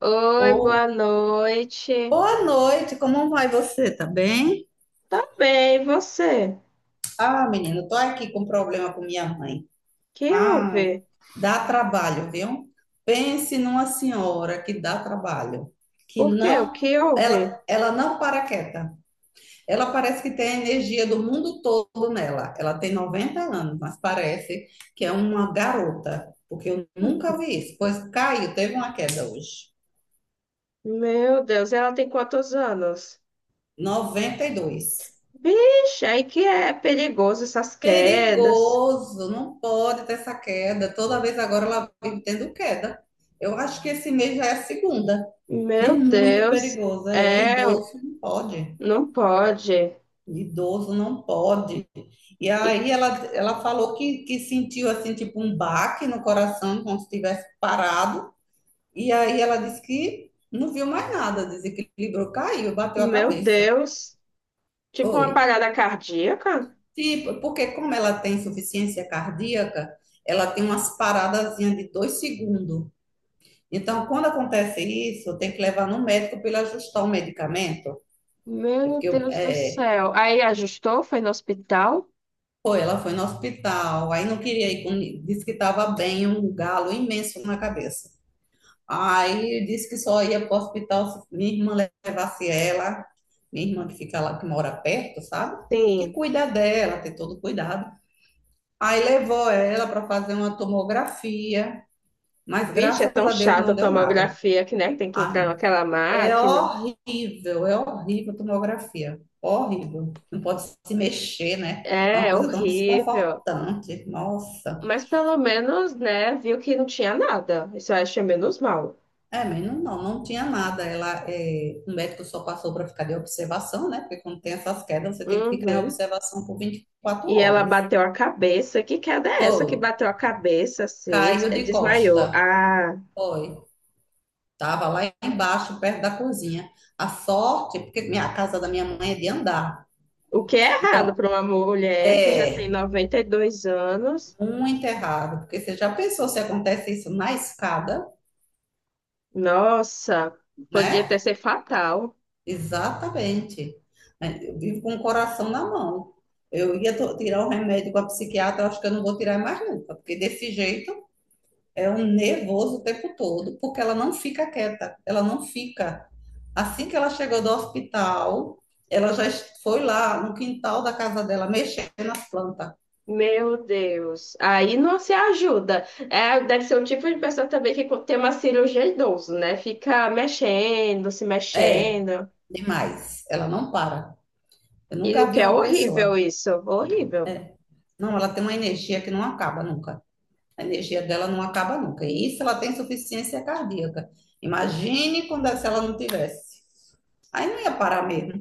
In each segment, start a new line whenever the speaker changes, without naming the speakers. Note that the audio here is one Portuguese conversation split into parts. Oi,
Ô,
boa noite.
boa noite, como vai você? Tá bem?
Tá bem, e você?
Ah, menino, tô aqui com problema com minha mãe.
Que
Ai,
houve?
dá trabalho, viu? Pense numa senhora que dá trabalho, que
Por quê? O
não,
que houve?
ela não para quieta. Ela parece que tem a energia do mundo todo nela. Ela tem 90 anos, mas parece que é uma garota, porque eu nunca vi isso. Pois caiu, teve uma queda hoje.
Meu Deus, ela tem quantos anos?
92.
Vixe, aí que é perigoso essas quedas.
Perigoso, não pode ter essa queda. Toda vez agora ela vive tendo queda. Eu acho que esse mês já é a segunda. E é
Meu
muito
Deus,
perigoso. É,
é,
idoso não pode.
não pode.
Idoso não pode. E
E-
aí ela falou que sentiu assim, tipo um baque no coração, como se tivesse parado. E aí ela disse que não viu mais nada, desequilibrou, caiu, bateu a
Meu
cabeça.
Deus, tipo
Foi.
uma parada cardíaca?
Sim, porque como ela tem insuficiência cardíaca, ela tem umas paradazinhas de 2 segundos. Então, quando acontece isso, tem que levar no médico para ele ajustar o medicamento. É
Meu
porque
Deus do
é,
céu. Aí ajustou, foi no hospital?
foi, ela foi no hospital, aí não queria ir, disse que estava bem, um galo imenso na cabeça. Aí disse que só ia para o hospital se minha irmã levasse ela, minha irmã que fica lá, que mora perto, sabe? Que
Sim.
cuida dela, tem todo cuidado. Aí levou ela para fazer uma tomografia. Mas
Vixe, é
graças
tão
a Deus
chato
não
a
deu nada.
tomografia que, né, tem que entrar
Ah,
naquela máquina.
é horrível a tomografia. Horrível. Não pode se mexer, né? É uma
É,
coisa tão
horrível.
desconfortante. Nossa.
Mas pelo menos, né, viu que não tinha nada. Isso eu achei menos mal.
É, mas não, não tinha nada. Ela, é, o médico só passou para ficar de observação, né? Porque quando tem essas quedas, você tem que ficar em
Uhum.
observação por 24
E ela
horas.
bateu a cabeça. Que queda é essa
Foi.
que bateu a cabeça, assim,
Caiu
é,
de
desmaiou?
costa.
Ah,
Foi. Tava lá embaixo, perto da cozinha. A sorte, porque a casa da minha mãe é de andar.
o que é errado
Então,
para uma mulher que já tem
é,
92 anos?
muito errado, porque você já pensou se acontece isso na escada,
Nossa, podia ter
né?
sido fatal.
Exatamente. É, eu vivo com o coração na mão. Eu ia tirar o remédio com a psiquiatra, eu acho que eu não vou tirar mais nunca, porque desse jeito é um nervoso o tempo todo, porque ela não fica quieta, ela não fica. Assim que ela chegou do hospital, ela já foi lá no quintal da casa dela mexendo nas plantas.
Meu Deus, aí não se ajuda. É, deve ser um tipo de pessoa também que tem uma cirurgia idoso, né? Fica mexendo, se
É,
mexendo.
demais. Ela não para. Eu
E o
nunca vi
que é
uma
horrível
pessoa.
isso, horrível.
Não, ela tem uma energia que não acaba nunca. A energia dela não acaba nunca. E isso ela tem insuficiência cardíaca. Imagine quando é, se ela não tivesse. Aí não ia parar mesmo.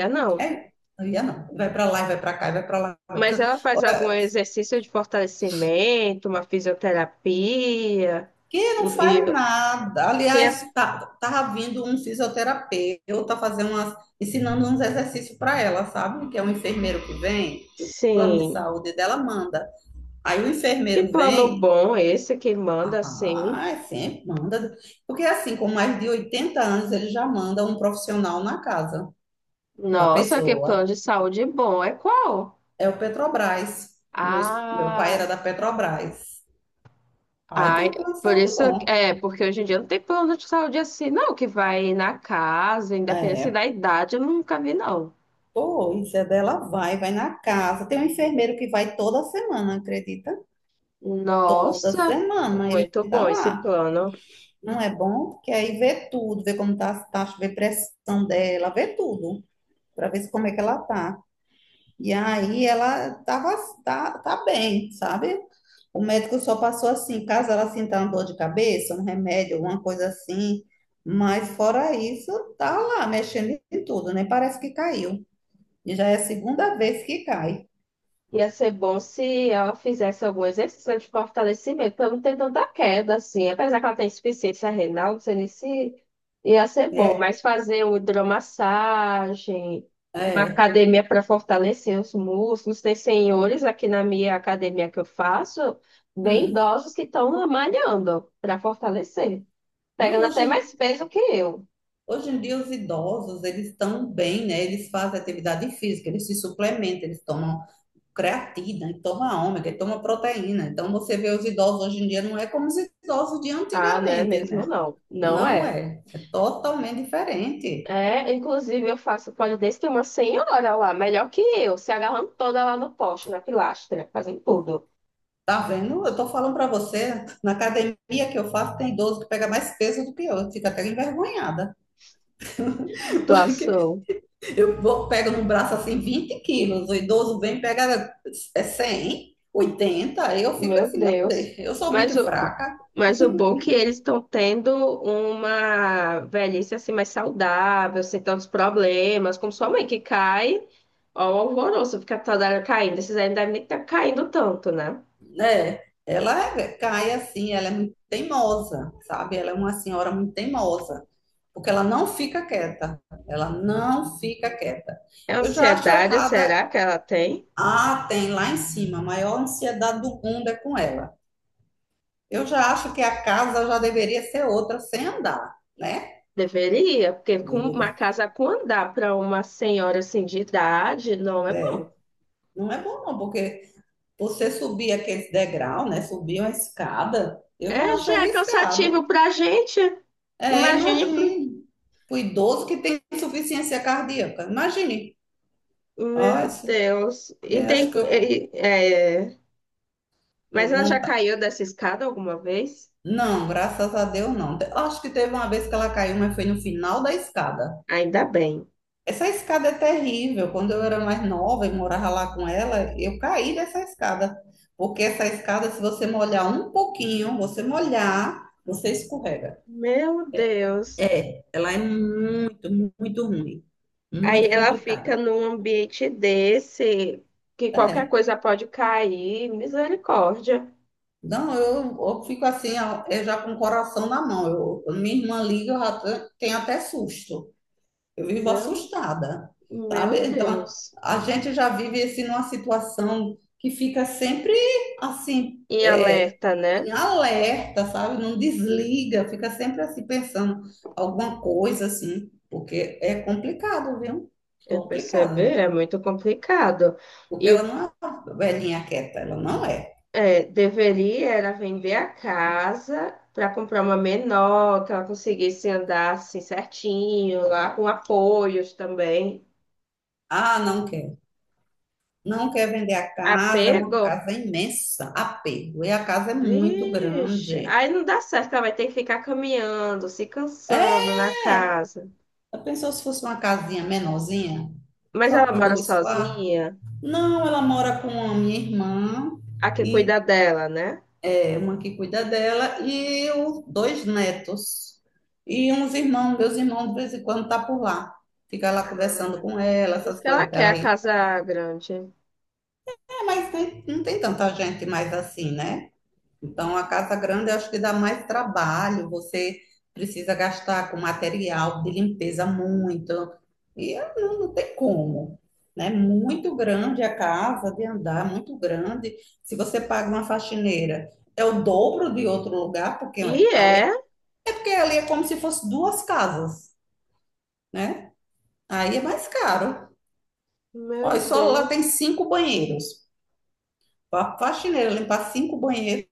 É não.
É, não ia não. Vai para lá, vai para cá, vai para lá. Vai
Mas
cá.
ela faz algum
Olha,
exercício de fortalecimento, uma fisioterapia.
que não
um- E,
faz nada.
que as-
Aliás, tá vindo um fisioterapeuta fazer umas, ensinando uns exercícios para ela, sabe? Que é um enfermeiro que vem, que o plano de
sim.
saúde dela manda. Aí o
Que
enfermeiro
plano
vem.
bom esse que manda assim?
Ah, é sempre manda. Porque assim, com mais de 80 anos, ele já manda um profissional na casa da
Nossa, que plano
pessoa.
de saúde bom. É qual?
É o Petrobras. Meu, meu pai
Ah.
era da Petrobras. Aí tem
Ai,
um plano de
por
saúde
isso,
bom.
é, porque hoje em dia não tem plano de saúde assim, não, que vai na casa, independente da
É,
idade, eu nunca vi, não.
pois, é dela vai, vai na casa. Tem um enfermeiro que vai toda semana, acredita? Toda
Nossa,
semana ele
muito
tá
bom esse
lá.
plano.
Não é bom? Porque aí vê tudo, vê como tá as taxas, vê pressão dela, vê tudo, para ver como é que ela tá. E aí ela tava, tá bem, sabe? O médico só passou assim, caso ela sinta uma dor de cabeça, um remédio, alguma coisa assim. Mas fora isso, tá lá mexendo em tudo, nem parece que caiu. E já é a segunda vez que cai.
Ia ser bom se ela fizesse algum exercício de fortalecimento para não ter tanta queda, assim. Apesar que ela tem insuficiência renal, não sei nem se ia ser bom,
É,
mas fazer uma hidromassagem, uma
é.
academia para fortalecer os músculos. Tem senhores aqui na minha academia que eu faço, bem
Hum.
idosos que estão malhando para fortalecer,
Não,
pegando até mais peso que eu.
hoje em dia os idosos, eles estão bem, né? Eles fazem atividade física, eles se suplementam, eles tomam creatina, e toma ômega, e toma proteína. Então você vê os idosos hoje em dia não é como os idosos de
Ah, não é
antigamente,
mesmo,
né?
não. Não
Não
é.
é, é totalmente diferente.
É, inclusive eu faço pole dance, tem uma senhora lá, melhor que eu, se agarrando toda lá no poste, na pilastra, fazendo tudo.
Tá vendo? Eu tô falando para você, na academia que eu faço tem idoso que pega mais peso do que eu, fica até envergonhada, porque
Situação,
eu vou, pego no braço assim 20 quilos, o idoso vem e pega é 100, 80, aí eu fico
meu
assim, meu
Deus.
Deus, eu sou
Mas
muito
o,
fraca,
mas o bom é que eles estão tendo uma velhice assim mais saudável, sem tantos problemas, como sua mãe que cai, ó, o alvoroço, fica toda hora caindo. Esses aí não devem nem estar caindo tanto, né?
né? Ela cai assim, ela é muito teimosa, sabe? Ela é uma senhora muito teimosa, porque ela não fica quieta, ela não fica quieta.
É
Eu já acho
ansiedade, será
errada.
que ela tem?
Ah, tem lá em cima, a maior ansiedade do mundo é com ela. Eu já acho que a casa já deveria ser outra sem andar, né?
Deveria, porque com uma
Deveria.
casa com andar para uma senhora assim de idade, não é bom.
Não é bom, não, porque você subir aquele degrau, né? Subir uma escada, eu já
É,
acho
já é cansativo
arriscado.
para a gente.
É,
Imagine pro...
imagine. O idoso que tem insuficiência cardíaca. Imagine. Ó,
Meu Deus. E
é, acho que
tem. Mas
eu
ela já
monta.
caiu dessa escada alguma vez?
Não, graças a Deus não. Acho que teve uma vez que ela caiu, mas foi no final da escada.
Ainda bem.
Essa escada é terrível. Quando eu era mais nova e morava lá com ela, eu caí dessa escada. Porque essa escada, se você molhar um pouquinho, você molhar, você escorrega.
Meu Deus.
É, ela é muito, muito ruim.
Aí
Muito
ela fica
complicada.
num ambiente desse, que qualquer
É.
coisa pode cair. Misericórdia.
Não, eu fico assim, ó, eu já com o coração na mão. Eu, quando minha irmã liga, eu já tenho até susto. Eu vivo
Meu,
assustada, sabe?
meu
Então,
Deus.
a gente já vive assim numa situação que fica sempre assim,
E
é,
alerta, né?
em alerta, sabe? Não desliga, fica sempre assim pensando alguma coisa assim, porque é complicado, viu?
Eu percebi,
Complicado.
é muito complicado.
Porque
E
ela
o,
não é uma velhinha quieta, ela não é.
é, deveria era vender a casa para comprar uma menor, que ela conseguisse andar assim certinho, lá com apoios também.
Ah, não quer. Não quer vender a casa, é uma
Apego?
casa imensa, apego. E a casa é muito
Vixe,
grande.
aí não dá certo, ela vai ter que ficar caminhando, se cansando
É,
na casa.
eu pensou se fosse uma casinha menorzinha,
Mas
só
ela
com
mora
2 quartos?
sozinha,
Não, ela mora com a minha irmã
a que
e
cuida dela, né?
é uma que cuida dela e os 2 netos. E uns irmãos, meus irmãos, de vez em quando tá por lá. Fica lá conversando
Ah,
com ela,
diz
essas
que
coisas
ela
até
quer
ela
a
ir.
casa grande.
É, mas não tem tanta gente mais assim, né? Então, a casa grande eu acho que dá mais trabalho, você precisa gastar com material de limpeza muito, e não, tem como, né? Muito grande a casa de andar, muito grande. Se você paga uma faxineira, é o dobro de outro lugar, porque
E
ali é,
é,
é porque ali é como se fosse 2 casas, né? Aí é mais caro. Olha,
meu
só lá tem
Deus.
5 banheiros. A faxineira limpar 5 banheiros,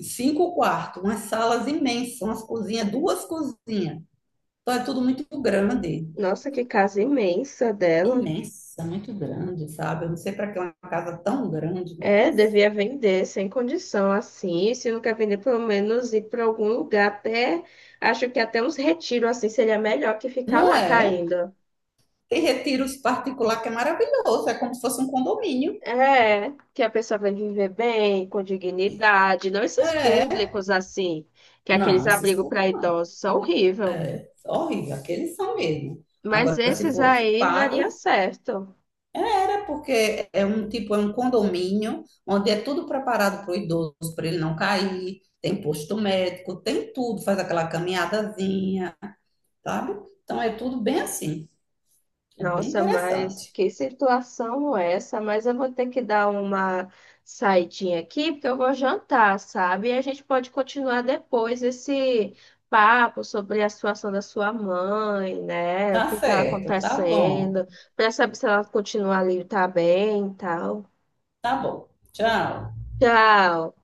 5 quartos, umas salas imensas, umas cozinhas, 2 cozinhas. Então é tudo muito grande,
Nossa, que casa imensa dela.
imensa, muito grande, sabe? Eu não sei para que é uma casa tão grande, meu
É,
Deus.
devia vender sem condição assim. E se não quer vender, pelo menos ir para algum lugar. Até acho que até uns retiros assim seria melhor que ficar
Não
lá
é?
caindo.
Tem retiros particular que é maravilhoso, é como se fosse um condomínio.
É, que a pessoa vai viver bem, com dignidade, não esses
É.
públicos assim, que é aqueles
Não, esses
abrigos
povos
para
não.
idosos são horrível.
É horrível, aqueles são mesmo.
Mas
Agora, se
esses
fosse
aí daria
pago,
certo.
porque é um tipo, é um condomínio onde é tudo preparado para o idoso, para ele não cair, tem posto médico, tem tudo, faz aquela caminhadazinha, sabe? Então é tudo bem assim, é bem
Nossa, mas
interessante.
que situação é essa? Mas eu vou ter que dar uma saidinha aqui, porque eu vou jantar, sabe? E a gente pode continuar depois esse papo sobre a situação da sua mãe, né? O
Tá
que está
certo,
acontecendo, para saber se ela continua ali, tá bem e tal.
tá bom. Tchau.
Tchau.